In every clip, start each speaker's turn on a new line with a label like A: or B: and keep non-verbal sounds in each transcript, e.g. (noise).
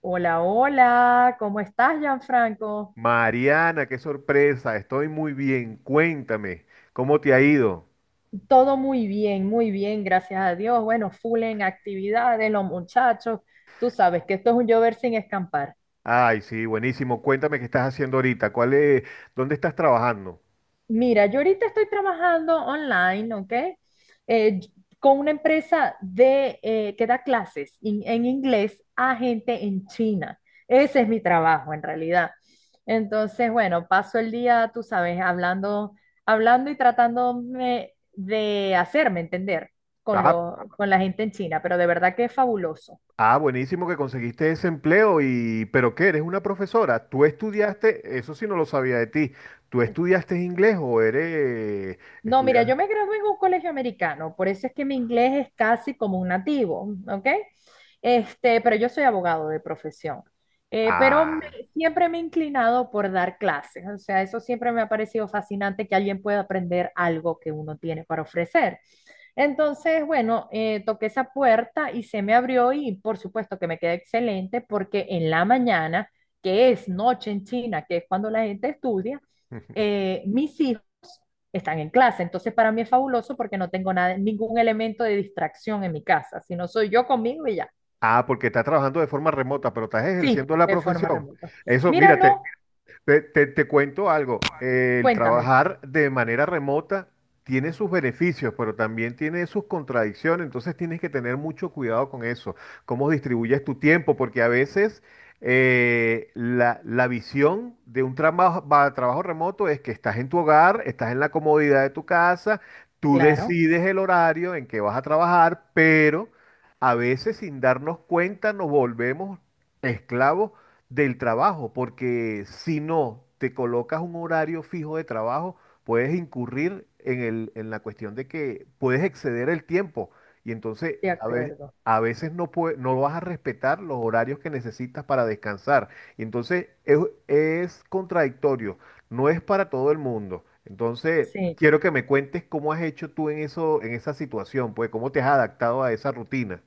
A: Hola, hola, ¿cómo estás, Gianfranco?
B: Mariana, qué sorpresa, estoy muy bien. Cuéntame, ¿cómo te ha ido?
A: Todo muy bien, gracias a Dios. Bueno, full en actividades, los muchachos. Tú sabes que esto es un llover sin escampar.
B: Ay, sí, buenísimo. Cuéntame qué estás haciendo ahorita. ¿Cuál es, dónde estás trabajando?
A: Mira, yo ahorita estoy trabajando online, ¿ok? Eh, con una empresa de, que da clases en inglés a gente en China. Ese es mi trabajo, en realidad. Entonces, bueno, paso el día, tú sabes, hablando, hablando y tratándome de hacerme entender
B: Ah,
A: con la gente en China, pero de verdad que es fabuloso.
B: ah, buenísimo que conseguiste ese empleo y, ¿pero qué? ¿Eres una profesora? ¿Tú estudiaste? Eso sí no lo sabía de ti. ¿Tú estudiaste inglés o eres
A: No, mira,
B: estudias?
A: yo me gradué en un colegio americano, por eso es que mi inglés es casi como un nativo, ¿ok? Este, pero yo soy abogado de profesión.
B: Ah.
A: Siempre me he inclinado por dar clases, o sea, eso siempre me ha parecido fascinante que alguien pueda aprender algo que uno tiene para ofrecer. Entonces, bueno, toqué esa puerta y se me abrió y por supuesto que me quedé excelente porque en la mañana, que es noche en China, que es cuando la gente estudia,
B: (laughs)
A: mis hijos están en clase. Entonces, para mí es fabuloso porque no tengo nada, ningún elemento de distracción en mi casa, sino soy yo conmigo y ya.
B: Ah, porque estás trabajando de forma remota, pero estás
A: Sí,
B: ejerciendo la
A: de forma
B: profesión.
A: remota.
B: Eso,
A: Mira,
B: mírate.
A: no,
B: Te cuento algo, el
A: cuéntame.
B: trabajar de manera remota tiene sus beneficios, pero también tiene sus contradicciones, entonces tienes que tener mucho cuidado con eso, cómo distribuyes tu tiempo, porque a veces la, la visión de un trabajo, trabajo remoto es que estás en tu hogar, estás en la comodidad de tu casa, tú
A: Claro,
B: decides el horario en que vas a trabajar, pero a veces sin darnos cuenta nos volvemos esclavos del trabajo, porque si no te colocas un horario fijo de trabajo, puedes incurrir en el, en la cuestión de que puedes exceder el tiempo y entonces
A: de acuerdo.
B: a veces no vas a respetar los horarios que necesitas para descansar. Y entonces es contradictorio, no es para todo el mundo. Entonces,
A: Sí.
B: quiero que me cuentes cómo has hecho tú en eso, en esa situación, pues cómo te has adaptado a esa rutina.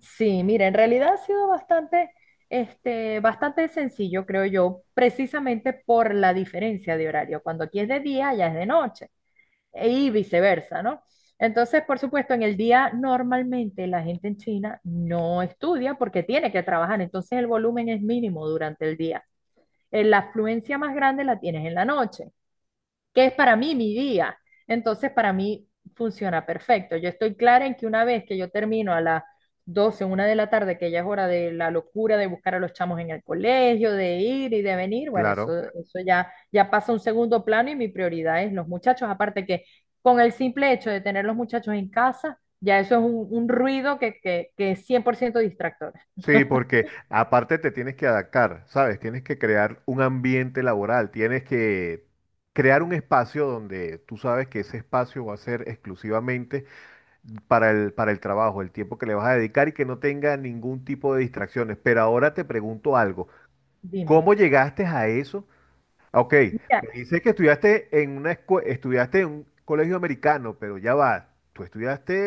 A: Sí, mira, en realidad ha sido bastante, bastante sencillo, creo yo, precisamente por la diferencia de horario. Cuando aquí es de día, allá es de noche, y viceversa, ¿no? Entonces, por supuesto, en el día normalmente la gente en China no estudia porque tiene que trabajar, entonces el volumen es mínimo durante el día. La afluencia más grande la tienes en la noche que es para mí mi día. Entonces, para mí funciona perfecto. Yo estoy clara en que una vez que yo termino a las 12, una de la tarde, que ya es hora de la locura de buscar a los chamos en el colegio, de ir y de venir, bueno,
B: Claro.
A: eso ya, ya pasa a un segundo plano y mi prioridad es los muchachos. Aparte que con el simple hecho de tener los muchachos en casa, ya eso es un ruido que es 100% distractor.
B: Sí, porque aparte te tienes que adaptar, ¿sabes? Tienes que crear un ambiente laboral, tienes que crear un espacio donde tú sabes que ese espacio va a ser exclusivamente para el trabajo, el tiempo que le vas a dedicar y que no tenga ningún tipo de distracciones. Pero ahora te pregunto algo,
A: Dime.
B: ¿cómo llegaste a eso? Ok,
A: Mira,
B: me dice que estudiaste en una estudiaste en un colegio americano, pero ya va, tú estudiaste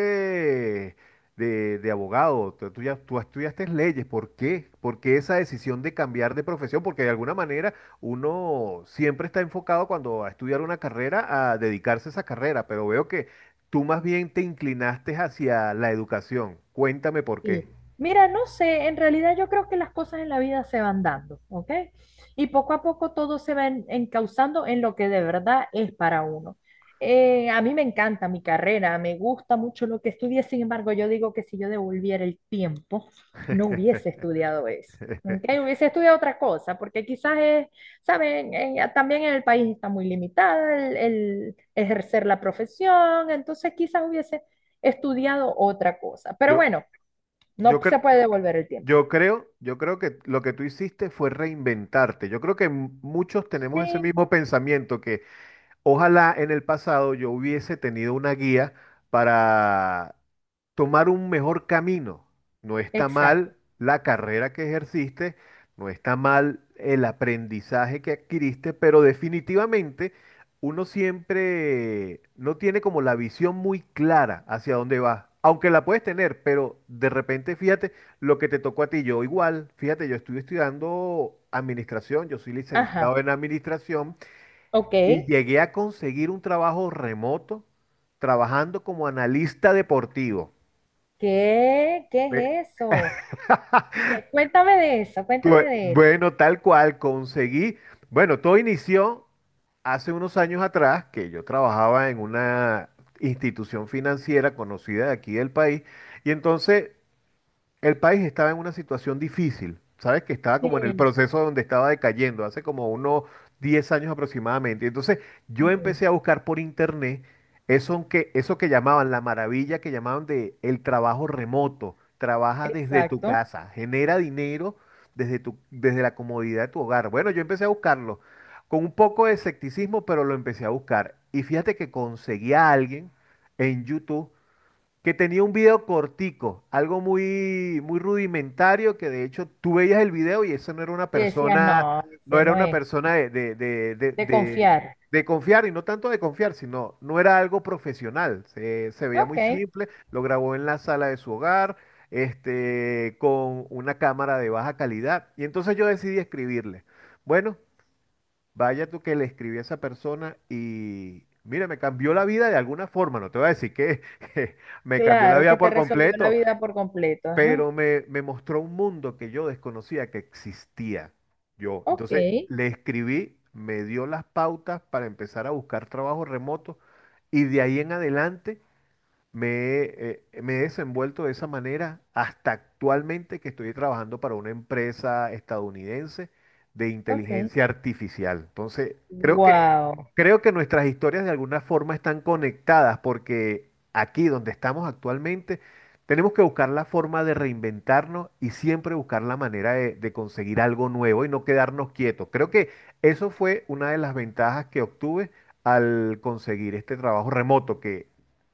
B: de abogado, tú, tú estudiaste leyes, ¿por qué? ¿Por qué esa decisión de cambiar de profesión? Porque de alguna manera uno siempre está enfocado cuando va a estudiar una carrera a dedicarse a esa carrera, pero veo que tú más bien te inclinaste hacia la educación. Cuéntame por
A: sí.
B: qué.
A: Mira, no sé, en realidad yo creo que las cosas en la vida se van dando, ¿ok? Y poco a poco todo se va encauzando en lo que de verdad es para uno. A mí me encanta mi carrera, me gusta mucho lo que estudié, sin embargo, yo digo que si yo devolviera el tiempo, no hubiese estudiado eso, ¿ok? Hubiese estudiado otra cosa, porque quizás es, saben, también en el país está muy limitada el ejercer la profesión, entonces quizás hubiese estudiado otra cosa. Pero
B: Yo,
A: bueno. No
B: yo creo.
A: se puede devolver el tiempo.
B: Yo creo que lo que tú hiciste fue reinventarte. Yo creo que muchos tenemos ese
A: Sí.
B: mismo pensamiento que ojalá en el pasado yo hubiese tenido una guía para tomar un mejor camino. No está
A: Exacto.
B: mal la carrera que ejerciste, no está mal el aprendizaje que adquiriste, pero definitivamente uno siempre no tiene como la visión muy clara hacia dónde vas. Aunque la puedes tener, pero de repente fíjate lo que te tocó a ti. Yo igual, fíjate, yo estuve estudiando administración, yo soy licenciado
A: Ajá.
B: en administración
A: Ok.
B: y llegué a conseguir un trabajo remoto trabajando como analista deportivo.
A: ¿Qué? ¿Qué
B: Ve.
A: es eso? ¿Qué? Cuéntame de eso, cuéntame de eso.
B: Bueno, tal cual, conseguí. Bueno, todo inició hace unos años atrás que yo trabajaba en una institución financiera conocida de aquí del país y entonces el país estaba en una situación difícil, ¿sabes? Que estaba como en el
A: Sí,
B: proceso donde estaba decayendo, hace como unos 10 años aproximadamente. Entonces yo
A: sí.
B: empecé a buscar por internet eso que llamaban la maravilla, que llamaban de el trabajo remoto. Trabaja desde tu
A: Exacto.
B: casa, genera dinero desde tu, desde la comodidad de tu hogar. Bueno, yo empecé a buscarlo con un poco de escepticismo, pero lo empecé a buscar. Y fíjate que conseguí a alguien en YouTube que tenía un video cortico, algo muy, muy rudimentario, que de hecho tú veías el video y eso no era una
A: Y decías,
B: persona,
A: no,
B: no
A: ese
B: era
A: no
B: una
A: es.
B: persona de, de, de, de,
A: De
B: de-
A: confiar.
B: de confiar, y no tanto de confiar, sino no era algo profesional, se veía muy
A: Ok.
B: simple, lo grabó en la sala de su hogar, este, con una cámara de baja calidad, y entonces yo decidí escribirle. Bueno, vaya tú que le escribí a esa persona y mira, me cambió la vida de alguna forma. No te voy a decir que, (laughs) que me cambió la
A: Claro
B: vida
A: que te
B: por
A: resolvió la
B: completo,
A: vida por completo. Ajá.
B: pero me mostró un mundo que yo desconocía que existía yo.
A: Ok.
B: Entonces le escribí, me dio las pautas para empezar a buscar trabajo remoto y de ahí en adelante. Me, me he desenvuelto de esa manera hasta actualmente que estoy trabajando para una empresa estadounidense de
A: Ok.
B: inteligencia artificial. Entonces, creo que,
A: Wow.
B: creo que nuestras historias de alguna forma están conectadas porque aquí donde estamos actualmente tenemos que buscar la forma de reinventarnos y siempre buscar la manera de conseguir algo nuevo y no quedarnos quietos. Creo que eso fue una de las ventajas que obtuve al conseguir este trabajo remoto que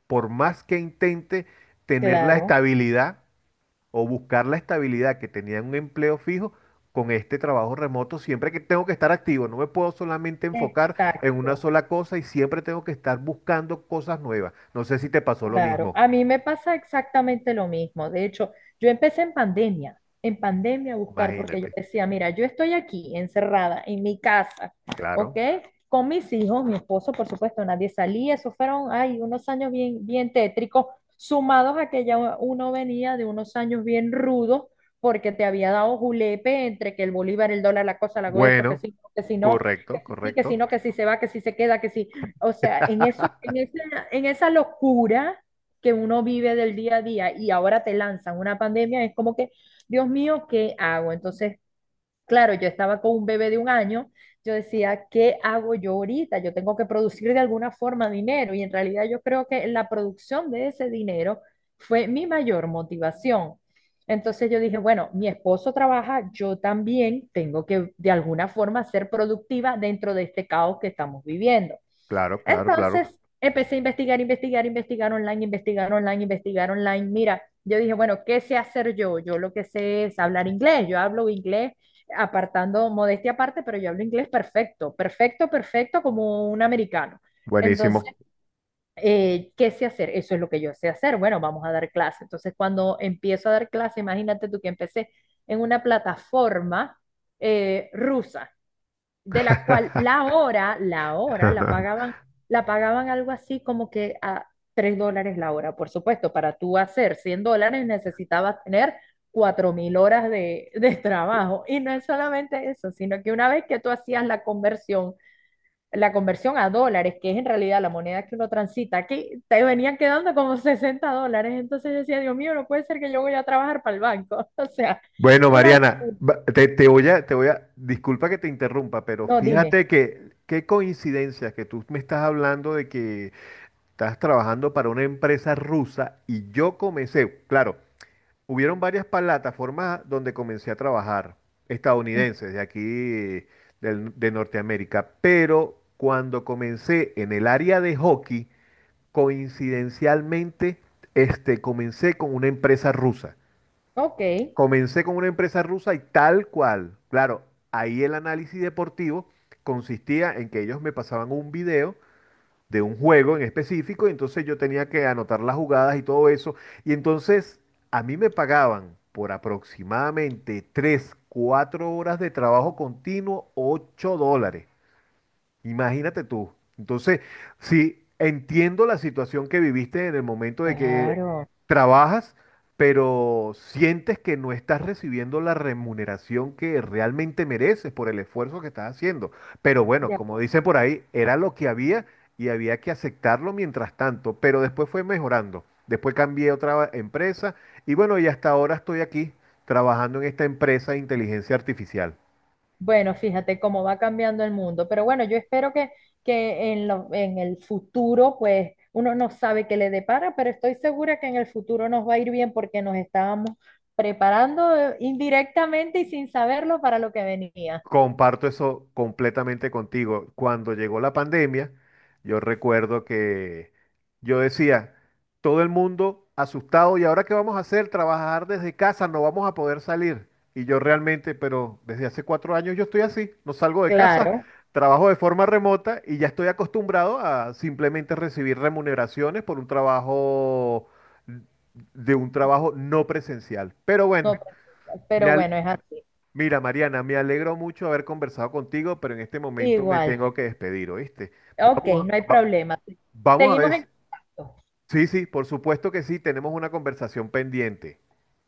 B: por más que intente tener la
A: Claro.
B: estabilidad o buscar la estabilidad que tenía en un empleo fijo, con este trabajo remoto siempre que tengo que estar activo, no me puedo solamente enfocar en una
A: Exacto.
B: sola cosa y siempre tengo que estar buscando cosas nuevas. No sé si te pasó lo
A: Claro,
B: mismo,
A: a mí me pasa exactamente lo mismo. De hecho, yo empecé en pandemia a buscar, porque yo
B: imagínate.
A: decía, mira, yo estoy aquí encerrada en mi casa, ¿ok?
B: Claro.
A: Con mis hijos, mi esposo, por supuesto, nadie salía. Eso fueron, ay, unos años bien, bien tétricos, sumados a que ya uno venía de unos años bien rudos, porque te había dado julepe entre que el bolívar, el dólar, la cosa, la esto, que
B: Bueno,
A: sí, que si no, que
B: correcto,
A: si sí, que si
B: correcto.
A: no, que si se va, que si se queda, que si o sea, en eso,
B: (laughs)
A: en esa locura que uno vive del día a día y ahora te lanzan una pandemia, es como que, Dios mío, ¿qué hago? Entonces, claro, yo estaba con un bebé de 1 año, yo decía, ¿qué hago yo ahorita? Yo tengo que producir de alguna forma dinero y en realidad yo creo que la producción de ese dinero fue mi mayor motivación. Entonces yo dije, bueno, mi esposo trabaja, yo también tengo que de alguna forma ser productiva dentro de este caos que estamos viviendo.
B: Claro, claro, claro.
A: Entonces empecé a investigar, investigar, investigar online, investigar online, investigar online. Mira, yo dije, bueno, ¿qué sé hacer yo? Yo lo que sé es hablar inglés. Yo hablo inglés apartando modestia aparte, pero yo hablo inglés perfecto, perfecto, perfecto como un americano. Entonces,
B: Buenísimo.
A: ¿qué sé hacer? Eso es lo que yo sé hacer. Bueno, vamos a dar clase. Entonces, cuando empiezo a dar clase, imagínate tú que empecé en una plataforma rusa de la cual
B: (laughs)
A: la hora la pagaban algo así como que a $3 la hora. Por supuesto, para tú hacer $100 necesitabas tener 4.000 horas de trabajo. Y no es solamente eso, sino que una vez que tú hacías la conversión a dólares, que es en realidad la moneda que uno transita aquí, te venían quedando como $60. Entonces yo decía, Dios mío, no puede ser que yo voy a trabajar para el banco. (laughs) O sea, es
B: Bueno,
A: una
B: Mariana,
A: locura.
B: va- te- voy a, te voy a, disculpa que te interrumpa, pero
A: No, dime.
B: fíjate que qué coincidencia que tú me estás hablando de que estás trabajando para una empresa rusa y yo comencé, claro, hubieron varias plataformas donde comencé a trabajar,
A: Mm,
B: estadounidenses, de aquí, de Norteamérica, pero cuando comencé en el área de hockey, coincidencialmente, este, comencé con una empresa rusa.
A: ok.
B: Comencé con una empresa rusa y tal cual. Claro, ahí el análisis deportivo consistía en que ellos me pasaban un video de un juego en específico y entonces yo tenía que anotar las jugadas y todo eso. Y entonces a mí me pagaban por aproximadamente 3, 4 horas de trabajo continuo, $8. Imagínate tú. Entonces, sí, entiendo la situación que viviste en el momento de que
A: Claro.
B: trabajas, pero sientes que no estás recibiendo la remuneración que realmente mereces por el esfuerzo que estás haciendo. Pero bueno,
A: De
B: como
A: acuerdo.
B: dicen por ahí, era lo que había y había que aceptarlo mientras tanto, pero después fue mejorando. Después cambié a otra empresa y bueno, y hasta ahora estoy aquí trabajando en esta empresa de inteligencia artificial.
A: Bueno, fíjate cómo va cambiando el mundo, pero bueno, yo espero que en en el futuro, pues uno no sabe qué le depara, pero estoy segura que en el futuro nos va a ir bien porque nos estábamos preparando indirectamente y sin saberlo para lo que venía.
B: Comparto eso completamente contigo. Cuando llegó la pandemia, yo recuerdo que yo decía, todo el mundo asustado, ¿y ahora qué vamos a hacer? Trabajar desde casa, no vamos a poder salir. Y yo realmente, pero desde hace 4 años yo estoy así, no salgo de casa,
A: Claro,
B: trabajo de forma remota y ya estoy acostumbrado a simplemente recibir remuneraciones por un trabajo, de un trabajo no presencial. Pero
A: no,
B: bueno, me,
A: pero
B: al-
A: bueno, es así.
B: mira, Mariana, me alegro mucho haber conversado contigo, pero en este momento me
A: Igual.
B: tengo que despedir, ¿oíste?
A: Ok,
B: Vamos
A: no hay
B: a, va-
A: problema.
B: Vamos a ver.
A: Seguimos en contacto.
B: Sí, sí, por supuesto que sí, tenemos una conversación pendiente.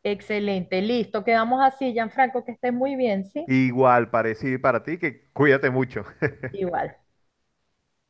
A: Excelente, listo, quedamos así, Gianfranco, que estés muy bien, ¿sí?
B: Igual, parecido para ti, que cuídate mucho.
A: Igual.